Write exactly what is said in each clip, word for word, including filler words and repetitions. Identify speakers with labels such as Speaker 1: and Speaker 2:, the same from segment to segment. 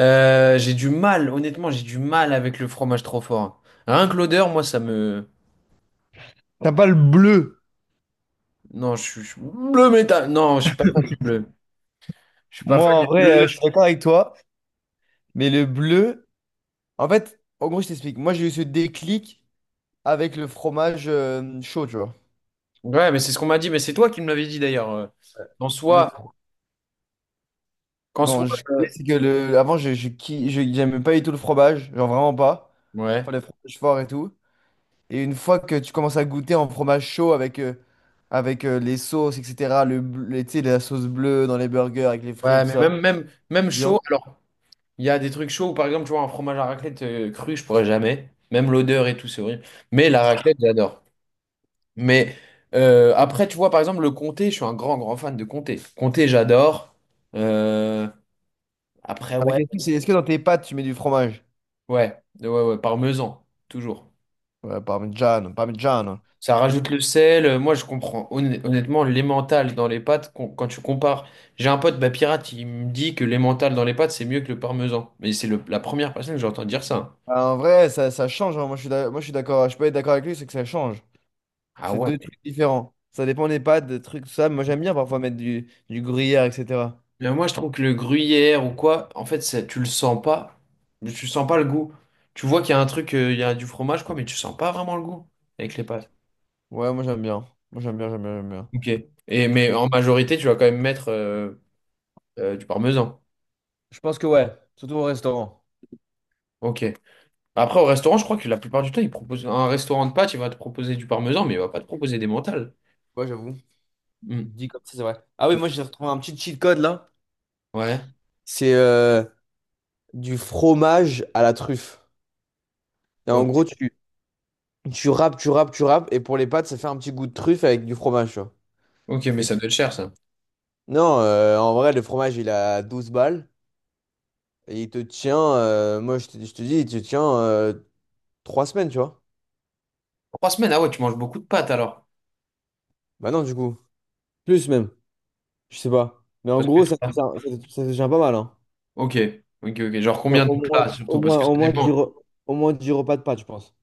Speaker 1: Euh, j'ai du mal, honnêtement, j'ai du mal avec le fromage trop fort. Rien que l'odeur, moi, ça me...
Speaker 2: T'as pas le bleu.
Speaker 1: Non, je suis... je suis- bleu métal. Non, je suis pas fan du bleu. Je suis pas
Speaker 2: Moi,
Speaker 1: fan
Speaker 2: en
Speaker 1: du
Speaker 2: vrai, euh,
Speaker 1: bleu.
Speaker 2: je suis d'accord avec toi, mais le bleu, en fait, en gros, je t'explique. Moi, j'ai eu ce déclic avec le fromage euh, chaud, tu vois.
Speaker 1: Ouais, mais c'est ce qu'on m'a dit. Mais c'est toi qui me l'avais dit, d'ailleurs. Euh, Qu'en
Speaker 2: Le
Speaker 1: soi,
Speaker 2: fro-
Speaker 1: Qu'en soit...
Speaker 2: Non, je...
Speaker 1: euh,
Speaker 2: c'est que le... avant, je, je, qui je- j'aimais pas du tout le fromage, genre vraiment pas.
Speaker 1: Ouais.
Speaker 2: Enfin, le fromage fort et tout. Et une fois que tu commences à goûter en fromage chaud avec, euh, avec euh, les sauces, et cætera, le, bl- les- tu sais, la sauce bleue dans les burgers avec les
Speaker 1: Ouais,
Speaker 2: frites, tout
Speaker 1: mais
Speaker 2: ça.
Speaker 1: même, même, même
Speaker 2: Bien.
Speaker 1: chaud. Alors, il y a des trucs chauds où, par exemple, tu vois, un fromage à raclette euh, cru, je pourrais jamais. Même l'odeur et tout, c'est horrible. Mais la raclette, j'adore. Mais euh, après, tu vois, par exemple, le comté, je suis un grand, grand fan de comté. Comté, j'adore. Euh, Après,
Speaker 2: La
Speaker 1: ouais,
Speaker 2: question, c'est est-ce
Speaker 1: c'est-
Speaker 2: que dans tes pâtes, tu mets du fromage?
Speaker 1: ouais, ouais, ouais, parmesan, toujours.
Speaker 2: Ouais, parmigiano, parmigiano.
Speaker 1: Ça rajoute le sel. euh, Moi, je comprends. Honn- Honnêtement, l'emmental dans les pâtes, con- quand tu compares, j'ai un pote, bah, pirate, il me dit que l'emmental dans les pâtes, c'est mieux que le parmesan. Mais c'est le- la première personne que j'entends dire ça.
Speaker 2: Ah, en vrai, ça, ça change, hein. Moi, je suis d'ac- moi, je suis d'accord. Je peux être d'accord avec lui, c'est que ça change.
Speaker 1: Ah
Speaker 2: C'est
Speaker 1: ouais.
Speaker 2: deux trucs différents. Ça dépend des pâtes, des trucs, tout ça. Moi, j'aime bien parfois mettre du, du gruyère, et cætera.
Speaker 1: Mais moi, je trouve que le gruyère ou quoi, en fait, ça, tu le sens pas. Mais tu sens pas le goût. Tu vois qu'il y a un truc, euh, il y a du fromage, quoi, mais tu sens pas vraiment le goût avec les pâtes.
Speaker 2: Ouais, moi, j'aime bien. Moi, j'aime bien, j'aime bien, j'aime bien.
Speaker 1: Ok. Et, mais
Speaker 2: Mais
Speaker 1: en majorité, tu vas quand même mettre euh, euh, du parmesan.
Speaker 2: je pense que ouais, surtout au restaurant.
Speaker 1: Ok. Après, au restaurant, je crois que la plupart du temps, ils proposent un restaurant de pâtes, il va te proposer du parmesan, mais il va pas te proposer des mentales.
Speaker 2: Ouais, j'avoue.
Speaker 1: Hmm.
Speaker 2: Je dis comme ça, c'est vrai. Ah oui, moi, j'ai retrouvé un petit cheat code là.
Speaker 1: Ouais.
Speaker 2: C'est euh, du fromage à la truffe. Et en
Speaker 1: Ok,
Speaker 2: gros, tu, tu râpes, tu râpes, tu râpes. Et pour les pâtes, ça fait un petit goût de truffe avec du fromage, tu vois.
Speaker 1: ok, mais
Speaker 2: Et-
Speaker 1: ça doit être cher, ça.
Speaker 2: Non, euh, en vrai, le fromage, il a douze balles. Et il te tient, euh, moi je te, je te dis, il te tient euh, trois semaines, tu vois.
Speaker 1: Trois semaines, ah ouais, tu manges beaucoup de pâtes alors.
Speaker 2: Bah non, du coup. Plus même, je sais pas. Mais en
Speaker 1: Parce que
Speaker 2: gros, ça te
Speaker 1: toi-
Speaker 2: tient, ça te- ça te tient pas mal, hein.
Speaker 1: Ok, ok, ok. Genre
Speaker 2: Non,
Speaker 1: combien
Speaker 2: au
Speaker 1: de
Speaker 2: moins,
Speaker 1: plats surtout,
Speaker 2: au
Speaker 1: parce
Speaker 2: moins,
Speaker 1: que ça
Speaker 2: au moins dix
Speaker 1: dépend.
Speaker 2: re- au moins dix repas de pâtes, je pense.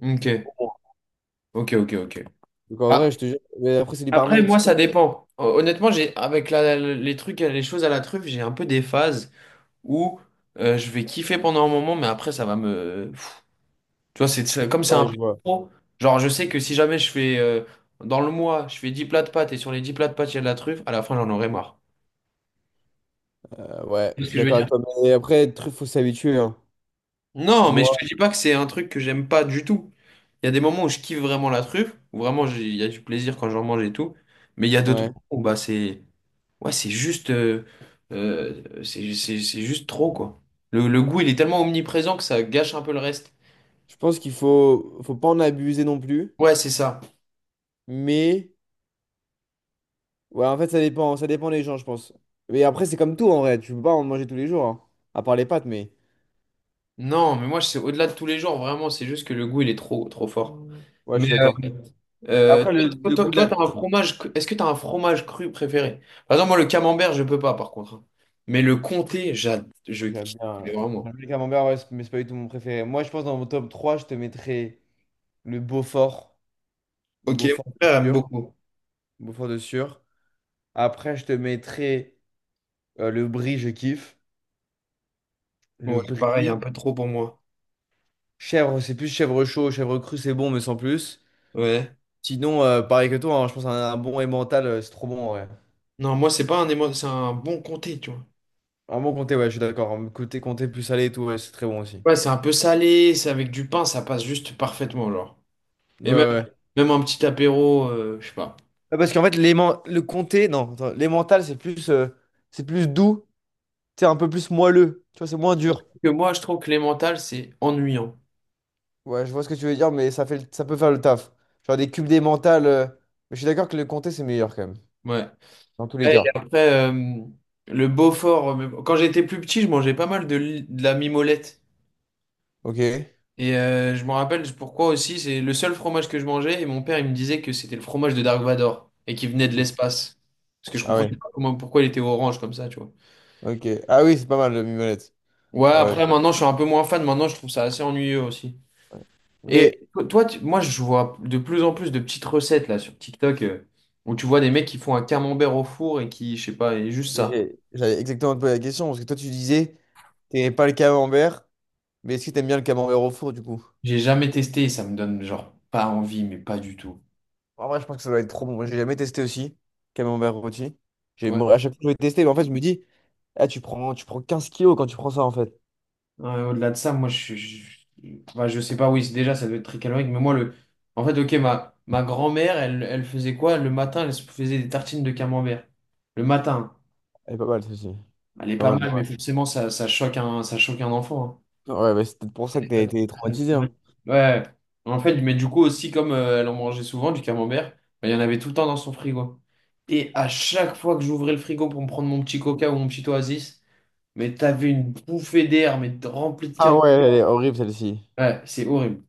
Speaker 1: Ok,
Speaker 2: Au moins.
Speaker 1: ok, ok, ok.
Speaker 2: Donc en
Speaker 1: Ah,
Speaker 2: vrai, je te jure. Mais après, c'est du
Speaker 1: après,
Speaker 2: parmesan.
Speaker 1: moi, ça dépend. Hon- Honnêtement, j'ai avec la- les trucs, les choses à la truffe, j'ai un peu des phases où euh, je vais kiffer pendant un moment, mais après, ça va me, tu vois, c'est c'est- comme c'est un
Speaker 2: Ouais,
Speaker 1: peu
Speaker 2: je vois.
Speaker 1: trop. Genre, je sais que si jamais je fais euh, dans le mois, je fais dix plats de pâtes et sur les dix plats de pâtes, il y a de la truffe, à la fin, j'en aurai marre.
Speaker 2: Euh, ouais,
Speaker 1: Tu vois
Speaker 2: je
Speaker 1: ce
Speaker 2: suis
Speaker 1: que je veux
Speaker 2: d'accord
Speaker 1: dire?
Speaker 2: avec toi. Mais après, il faut s'habituer, hein.
Speaker 1: Non, mais je
Speaker 2: Moi,
Speaker 1: te dis pas que c'est un truc que j'aime pas du tout. Il y a des moments où je kiffe vraiment la truffe, où vraiment j'ai- il y a du plaisir quand j'en mange et tout. Mais il y a d'autres
Speaker 2: ouais.
Speaker 1: moments où bah, c'est ouais, c'est juste, euh, euh, c'est c'est- c'est juste trop, quoi. Le, le goût, il est tellement omniprésent que ça gâche un peu le reste.
Speaker 2: Je pense qu'il faut, faut pas en abuser non plus.
Speaker 1: Ouais, c'est ça.
Speaker 2: Mais, ouais, en fait, ça dépend, ça dépend des gens, je pense. Mais après, c'est comme tout, en vrai. Tu peux pas en manger tous les jours, hein. À part les pâtes, mais.
Speaker 1: Non, mais moi, c'est au-delà de tous les jours, vraiment, c'est juste que le goût, il est trop, trop fort.
Speaker 2: Ouais, je
Speaker 1: Mais,
Speaker 2: suis
Speaker 1: euh,
Speaker 2: d'accord.
Speaker 1: Euh,
Speaker 2: Après, le,
Speaker 1: toi,
Speaker 2: le
Speaker 1: toi,
Speaker 2: goût de
Speaker 1: toi,
Speaker 2: la...
Speaker 1: t'as un fromage. cru- Est-ce que t'as un fromage cru préféré? Par exemple, moi, le camembert, je peux pas, par contre. Hein. Mais le comté, j'ad... je
Speaker 2: J'aime
Speaker 1: kiffe mais
Speaker 2: bien, j'aime
Speaker 1: vraiment.
Speaker 2: bien le camembert, ouais, c'est- mais c'est pas du tout mon préféré. Moi, je pense dans mon top trois je te mettrais le Beaufort.
Speaker 1: Ok,
Speaker 2: Beaufort
Speaker 1: mon
Speaker 2: de
Speaker 1: frère aime
Speaker 2: sûr.
Speaker 1: beaucoup.
Speaker 2: Beaufort de sûr. Après, je te mettrais euh, le brie, je kiffe. Le
Speaker 1: Ouais, pareil, un
Speaker 2: brie.
Speaker 1: peu trop pour moi.
Speaker 2: Chèvre, c'est plus chèvre chaud. Chèvre cru, c'est bon, mais sans plus.
Speaker 1: Ouais.
Speaker 2: Sinon, euh, pareil que toi, hein, je pense un, un bon emmental, euh, c'est trop bon, ouais.
Speaker 1: Non, moi, c'est pas un émo... c'est un bon comté, tu vois.
Speaker 2: Un bon comté, ouais, je suis d'accord. Un comté, comté plus salé et tout, ouais, c'est très bon aussi.
Speaker 1: Ouais, c'est un peu salé, c'est avec du pain, ça passe juste parfaitement, genre.
Speaker 2: Ouais, ouais,
Speaker 1: Et même,
Speaker 2: ouais.
Speaker 1: même un petit apéro, euh, je sais pas.
Speaker 2: Ah, parce qu'en fait, les men- le comté, non, attends, les mentales, c'est plus, euh, c'est plus doux, c'est un peu plus moelleux, tu vois, c'est moins dur.
Speaker 1: Que moi, je trouve que les mentales, c'est ennuyant.
Speaker 2: Ouais, je vois ce que tu veux dire, mais ça fait, le- ça peut faire le taf. Genre des cubes des mentales, euh, mais je suis d'accord que le comté, c'est meilleur quand même,
Speaker 1: Ouais.
Speaker 2: dans tous les
Speaker 1: Ouais, et
Speaker 2: cas.
Speaker 1: après, euh, le Beaufort, euh, quand j'étais plus petit, je mangeais pas mal de, li- de la mimolette.
Speaker 2: Ok.
Speaker 1: Et euh, je me rappelle pourquoi aussi, c'est le seul fromage que je mangeais. Et mon père, il me disait que c'était le fromage de Dark Vador et qu'il venait de l'espace. Parce que je
Speaker 2: Ah ouais.
Speaker 1: comprenais pas comment, pourquoi il était orange comme ça, tu vois.
Speaker 2: Ok. Ah oui, c'est pas mal, le mimolette.
Speaker 1: Ouais,
Speaker 2: Ouais, ouais,
Speaker 1: après, maintenant, je suis un peu moins fan. Maintenant, je trouve ça assez ennuyeux aussi.
Speaker 2: ouais.
Speaker 1: Et
Speaker 2: Mais
Speaker 1: to- toi, tu- moi, je vois de plus en plus de petites recettes là sur TikTok euh, où tu vois des mecs qui font un camembert au four et qui, je sais pas, et juste ça.
Speaker 2: j'ai- j'avais exactement posé la question, parce que toi, tu disais, t'aimais pas le camembert, mais est-ce que t'aimes bien le camembert au four, du coup?
Speaker 1: J'ai jamais testé, ça me donne genre pas envie, mais pas du tout.
Speaker 2: En vrai, je pense que ça doit être trop bon. Moi, j'ai jamais testé aussi, camembert rôti. J'ai,
Speaker 1: Ouais.
Speaker 2: moi, à chaque fois que je vais tester, mais en fait, je me dis, ah, tu prends, tu prends quinze kilos quand tu prends ça, en fait.
Speaker 1: Ouais, au-delà de ça, moi je suis. Je, enfin, je sais pas, oui, c'est- déjà ça doit être très calorique, mais moi le. En fait, ok, ma, ma grand-mère, elle, elle faisait quoi? Le matin, elle se faisait des tartines de camembert. Le matin.
Speaker 2: Elle est pas mal, celle-ci.
Speaker 1: Elle est
Speaker 2: Pas
Speaker 1: pas
Speaker 2: mal,
Speaker 1: mal, mais
Speaker 2: pas
Speaker 1: forcément, ça, ça choque un, ça choque un enfant.
Speaker 2: mal. Ouais, bah, c'est peut-être pour ça que t'as été
Speaker 1: Hein.
Speaker 2: traumatisé,
Speaker 1: Ouais.
Speaker 2: hein.
Speaker 1: Ouais. En fait, mais du coup aussi, comme euh, elle en mangeait souvent du camembert, bah, il y en avait tout le temps dans son frigo. Et à chaque fois que j'ouvrais le frigo pour me prendre mon petit coca ou mon petit oasis, mais t'avais une bouffée d'air, mais remplie de
Speaker 2: Ah
Speaker 1: carottes.
Speaker 2: ouais, elle est horrible, celle-ci.
Speaker 1: Ouais, c'est horrible.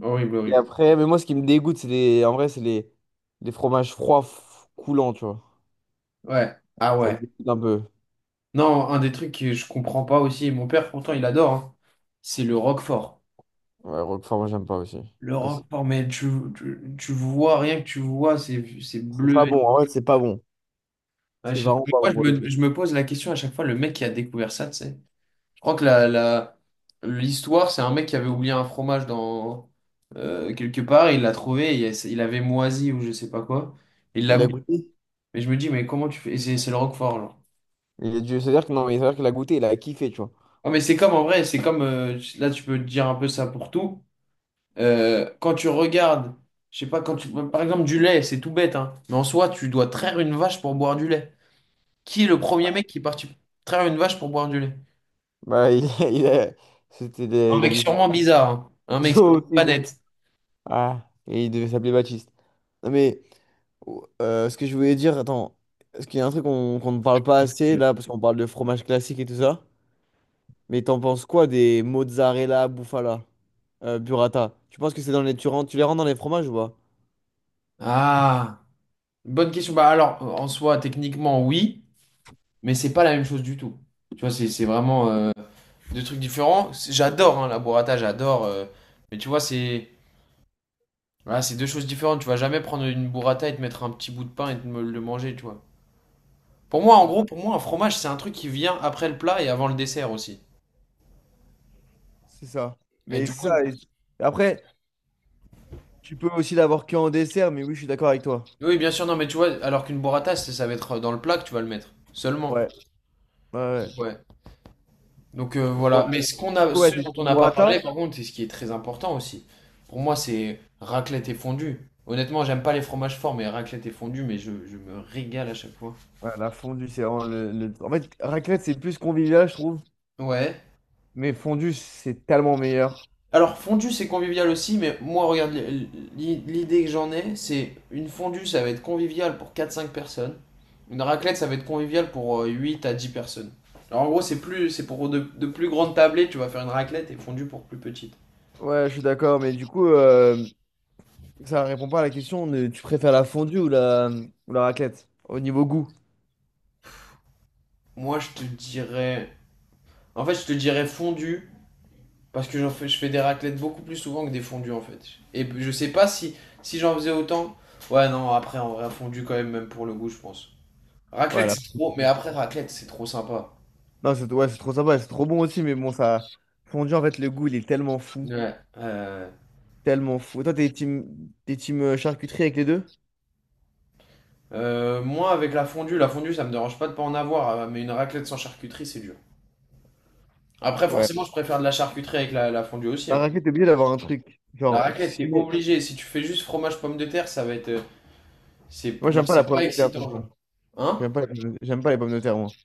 Speaker 1: Horrible,
Speaker 2: Et
Speaker 1: horrible.
Speaker 2: après, mais moi, ce qui me dégoûte, c'est les, en vrai, c'est les, les fromages froids f- coulants, tu vois.
Speaker 1: Ouais. Ah
Speaker 2: Ça me
Speaker 1: ouais.
Speaker 2: dégoûte un peu.
Speaker 1: Non, un des trucs que je comprends pas aussi, et mon père pourtant il adore, hein, c'est le roquefort.
Speaker 2: Ouais, Roquefort, moi, j'aime pas aussi.
Speaker 1: Le
Speaker 2: Ouais, c'est
Speaker 1: roquefort, mais tu, tu, tu vois, rien que tu vois, c'est c'est
Speaker 2: c'est
Speaker 1: bleu.
Speaker 2: pas bon, en vrai, c'est pas bon.
Speaker 1: À
Speaker 2: C'est
Speaker 1: chaque
Speaker 2: vraiment pas
Speaker 1: fois,
Speaker 2: bon
Speaker 1: je
Speaker 2: pour le coup.
Speaker 1: me, je me pose la question à chaque fois, le mec qui a découvert ça, tu sais. Je crois que la, la, l'histoire, c'est un mec qui avait oublié un fromage dans, euh, quelque part, il l'a trouvé, il, il avait moisi ou je sais pas quoi. Il l'a
Speaker 2: Il a
Speaker 1: Mais
Speaker 2: goûté?
Speaker 1: je me dis, mais comment tu fais? Et C'est c'est le Roquefort, genre.
Speaker 2: Il a dû... C'est-à-dire que non, mais c'est-à-dire qu'il a goûté, il a kiffé, tu vois.
Speaker 1: Ah, mais c'est comme en vrai, c'est comme euh, là, tu peux dire un peu ça pour tout. Euh, quand tu regardes, je sais pas, quand tu, par exemple, du lait, c'est tout bête, hein, mais en soi, tu dois traire une vache pour boire du lait. Qui est le premier mec qui est parti traire une vache pour boire du lait?
Speaker 2: Bah, il, il a, c'était des-
Speaker 1: Un
Speaker 2: il a
Speaker 1: mec
Speaker 2: dû
Speaker 1: sûrement
Speaker 2: faire
Speaker 1: bizarre, hein. Un mec
Speaker 2: un
Speaker 1: sûrement
Speaker 2: aussi.
Speaker 1: pas
Speaker 2: de-
Speaker 1: net.
Speaker 2: Ah, et il devait s'appeler Baptiste. Non, mais euh, ce que je voulais dire, attends, est-ce qu'il y a un truc qu'on qu'on ne parle pas assez là, parce qu'on parle de fromage classique et tout ça, mais t'en penses quoi des mozzarella, bufala, euh, burrata? Tu penses que c'est dans les... Tu, rends- tu les rends dans les fromages ou pas?
Speaker 1: Ah, bonne question. Bah alors, en soi, techniquement, oui, mais c'est pas la même chose du tout. Tu vois, c'est c'est vraiment euh, deux trucs différents. C'est- J'adore hein, la burrata, j'adore. euh, mais tu vois, c'est voilà, c'est deux choses différentes. Tu vas jamais prendre une burrata et te mettre un petit bout de pain et te me- le manger, tu vois. Pour moi, en
Speaker 2: Ah,
Speaker 1: gros, pour moi, un fromage, c'est un truc qui vient après le plat et avant le dessert aussi.
Speaker 2: c'est ça.
Speaker 1: Et
Speaker 2: Mais
Speaker 1: du
Speaker 2: c'est
Speaker 1: coup,
Speaker 2: ça. Et- et après, tu peux aussi l'avoir que en dessert, mais oui, je suis d'accord avec toi.
Speaker 1: oui, bien sûr, non, mais tu vois, alors qu'une burrata, c'est- ça va être dans le plat que tu vas le mettre. Seulement.
Speaker 2: Ouais, ouais, ouais.
Speaker 1: Ouais. Donc euh,
Speaker 2: Mais moi,
Speaker 1: voilà, mais ce qu'on
Speaker 2: du
Speaker 1: a,
Speaker 2: coup, ouais,
Speaker 1: ce
Speaker 2: t'es
Speaker 1: dont on
Speaker 2: team
Speaker 1: n'a pas parlé,
Speaker 2: burrata.
Speaker 1: par contre, c'est ce qui est très important aussi. Pour moi, c'est raclette et fondue. Honnêtement, j'aime pas les fromages forts, mais raclette et fondue, mais je, je me régale à chaque fois.
Speaker 2: Ouais, la fondue, c'est vraiment le, le- en fait, raclette, c'est plus convivial, je trouve.
Speaker 1: Ouais.
Speaker 2: Mais fondue, c'est tellement meilleur.
Speaker 1: Alors, fondue, c'est convivial aussi, mais moi, regarde, l- l- l'idée que j'en ai, c'est une fondue, ça va être convivial pour quatre cinq personnes. Une raclette, ça va être convivial pour euh, huit à dix personnes. Alors, en gros, c'est plus, c'est pour de, de plus grandes tablées, tu vas faire une raclette et fondue pour plus petites.
Speaker 2: Ouais, je suis d'accord, mais du coup, euh, ça répond pas à la question de tu préfères la fondue ou la, ou la raclette au niveau goût.
Speaker 1: Moi, je te dirais... En fait, je te dirais fondue, parce que j'en fais, je fais des raclettes beaucoup plus souvent que des fondues en fait. Et je sais pas si, si j'en faisais autant. Ouais, non, après en vrai, fondu quand même, même pour le goût, je pense.
Speaker 2: Ouais,
Speaker 1: Raclette,
Speaker 2: la
Speaker 1: c'est trop. Mais après, raclette, c'est trop sympa.
Speaker 2: Non, c'est ouais, c'est trop sympa, c'est trop bon aussi, mais bon, ça. Fondue, en fait, le goût, il est tellement fou.
Speaker 1: Ouais. Euh,
Speaker 2: Tellement fou. Toi, t'es team, t'es team euh, charcuterie avec les deux?
Speaker 1: euh, moi, avec la fondue, la fondue, ça me dérange pas de pas en avoir, euh, mais une raclette sans charcuterie, c'est dur. Après,
Speaker 2: Ouais.
Speaker 1: forcément, je préfère de la charcuterie avec la, la fondue aussi.
Speaker 2: La
Speaker 1: Hein.
Speaker 2: raclette, t'es obligé d'avoir un truc.
Speaker 1: La
Speaker 2: Genre,
Speaker 1: raclette, t'es
Speaker 2: si-
Speaker 1: obligé. Si tu fais juste fromage pomme de terre, ça va être. euh, C'est,
Speaker 2: Moi, j'aime
Speaker 1: genre,
Speaker 2: pas la
Speaker 1: c'est
Speaker 2: pomme
Speaker 1: pas
Speaker 2: de terre, de
Speaker 1: excitant.
Speaker 2: toute
Speaker 1: Genre. Hein?
Speaker 2: J'aime pas, les pommes de- j'aime pas les pommes de terre, moi.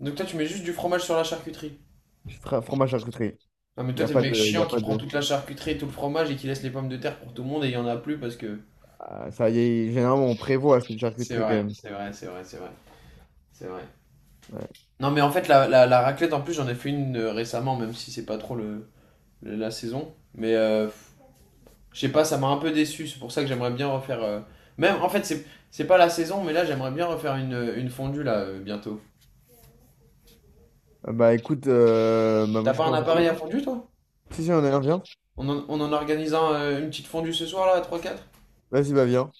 Speaker 1: Donc, toi, tu mets juste du fromage sur la charcuterie.
Speaker 2: Je suis fra- fromage charcuterie.
Speaker 1: Non, mais
Speaker 2: Il n'y
Speaker 1: toi,
Speaker 2: a
Speaker 1: t'es le
Speaker 2: pas
Speaker 1: mec
Speaker 2: de. Il y
Speaker 1: chiant
Speaker 2: a
Speaker 1: qui
Speaker 2: pas
Speaker 1: prend
Speaker 2: de...
Speaker 1: toute la charcuterie et tout le fromage et qui laisse les pommes de terre pour tout le monde et il y en a plus parce que.
Speaker 2: Ah, ça y est, généralement, on prévoit cette
Speaker 1: C'est
Speaker 2: charcuterie quand
Speaker 1: vrai,
Speaker 2: même.
Speaker 1: c'est vrai, c'est vrai, c'est vrai, c'est vrai.
Speaker 2: Ouais.
Speaker 1: Non, mais en fait, la, la, la raclette, en plus, j'en ai fait une euh, récemment, même si c'est pas trop le, le- la saison. Mais euh, je sais pas, ça m'a un peu déçu. C'est pour ça que j'aimerais bien refaire. euh, Même, en fait, c'est c'est pas la saison, mais là, j'aimerais bien refaire une, euh, une fondue là euh, bientôt.
Speaker 2: Ah bah écoute, euh, bah, moi
Speaker 1: T'as
Speaker 2: je
Speaker 1: pas
Speaker 2: suis
Speaker 1: un
Speaker 2: en
Speaker 1: appareil à
Speaker 2: non?
Speaker 1: fondue, toi?
Speaker 2: Si, si, on est un, viens.
Speaker 1: On en, on en organise un, euh, une petite fondue ce soir là, à trois quatre
Speaker 2: Vas-y, bah viens.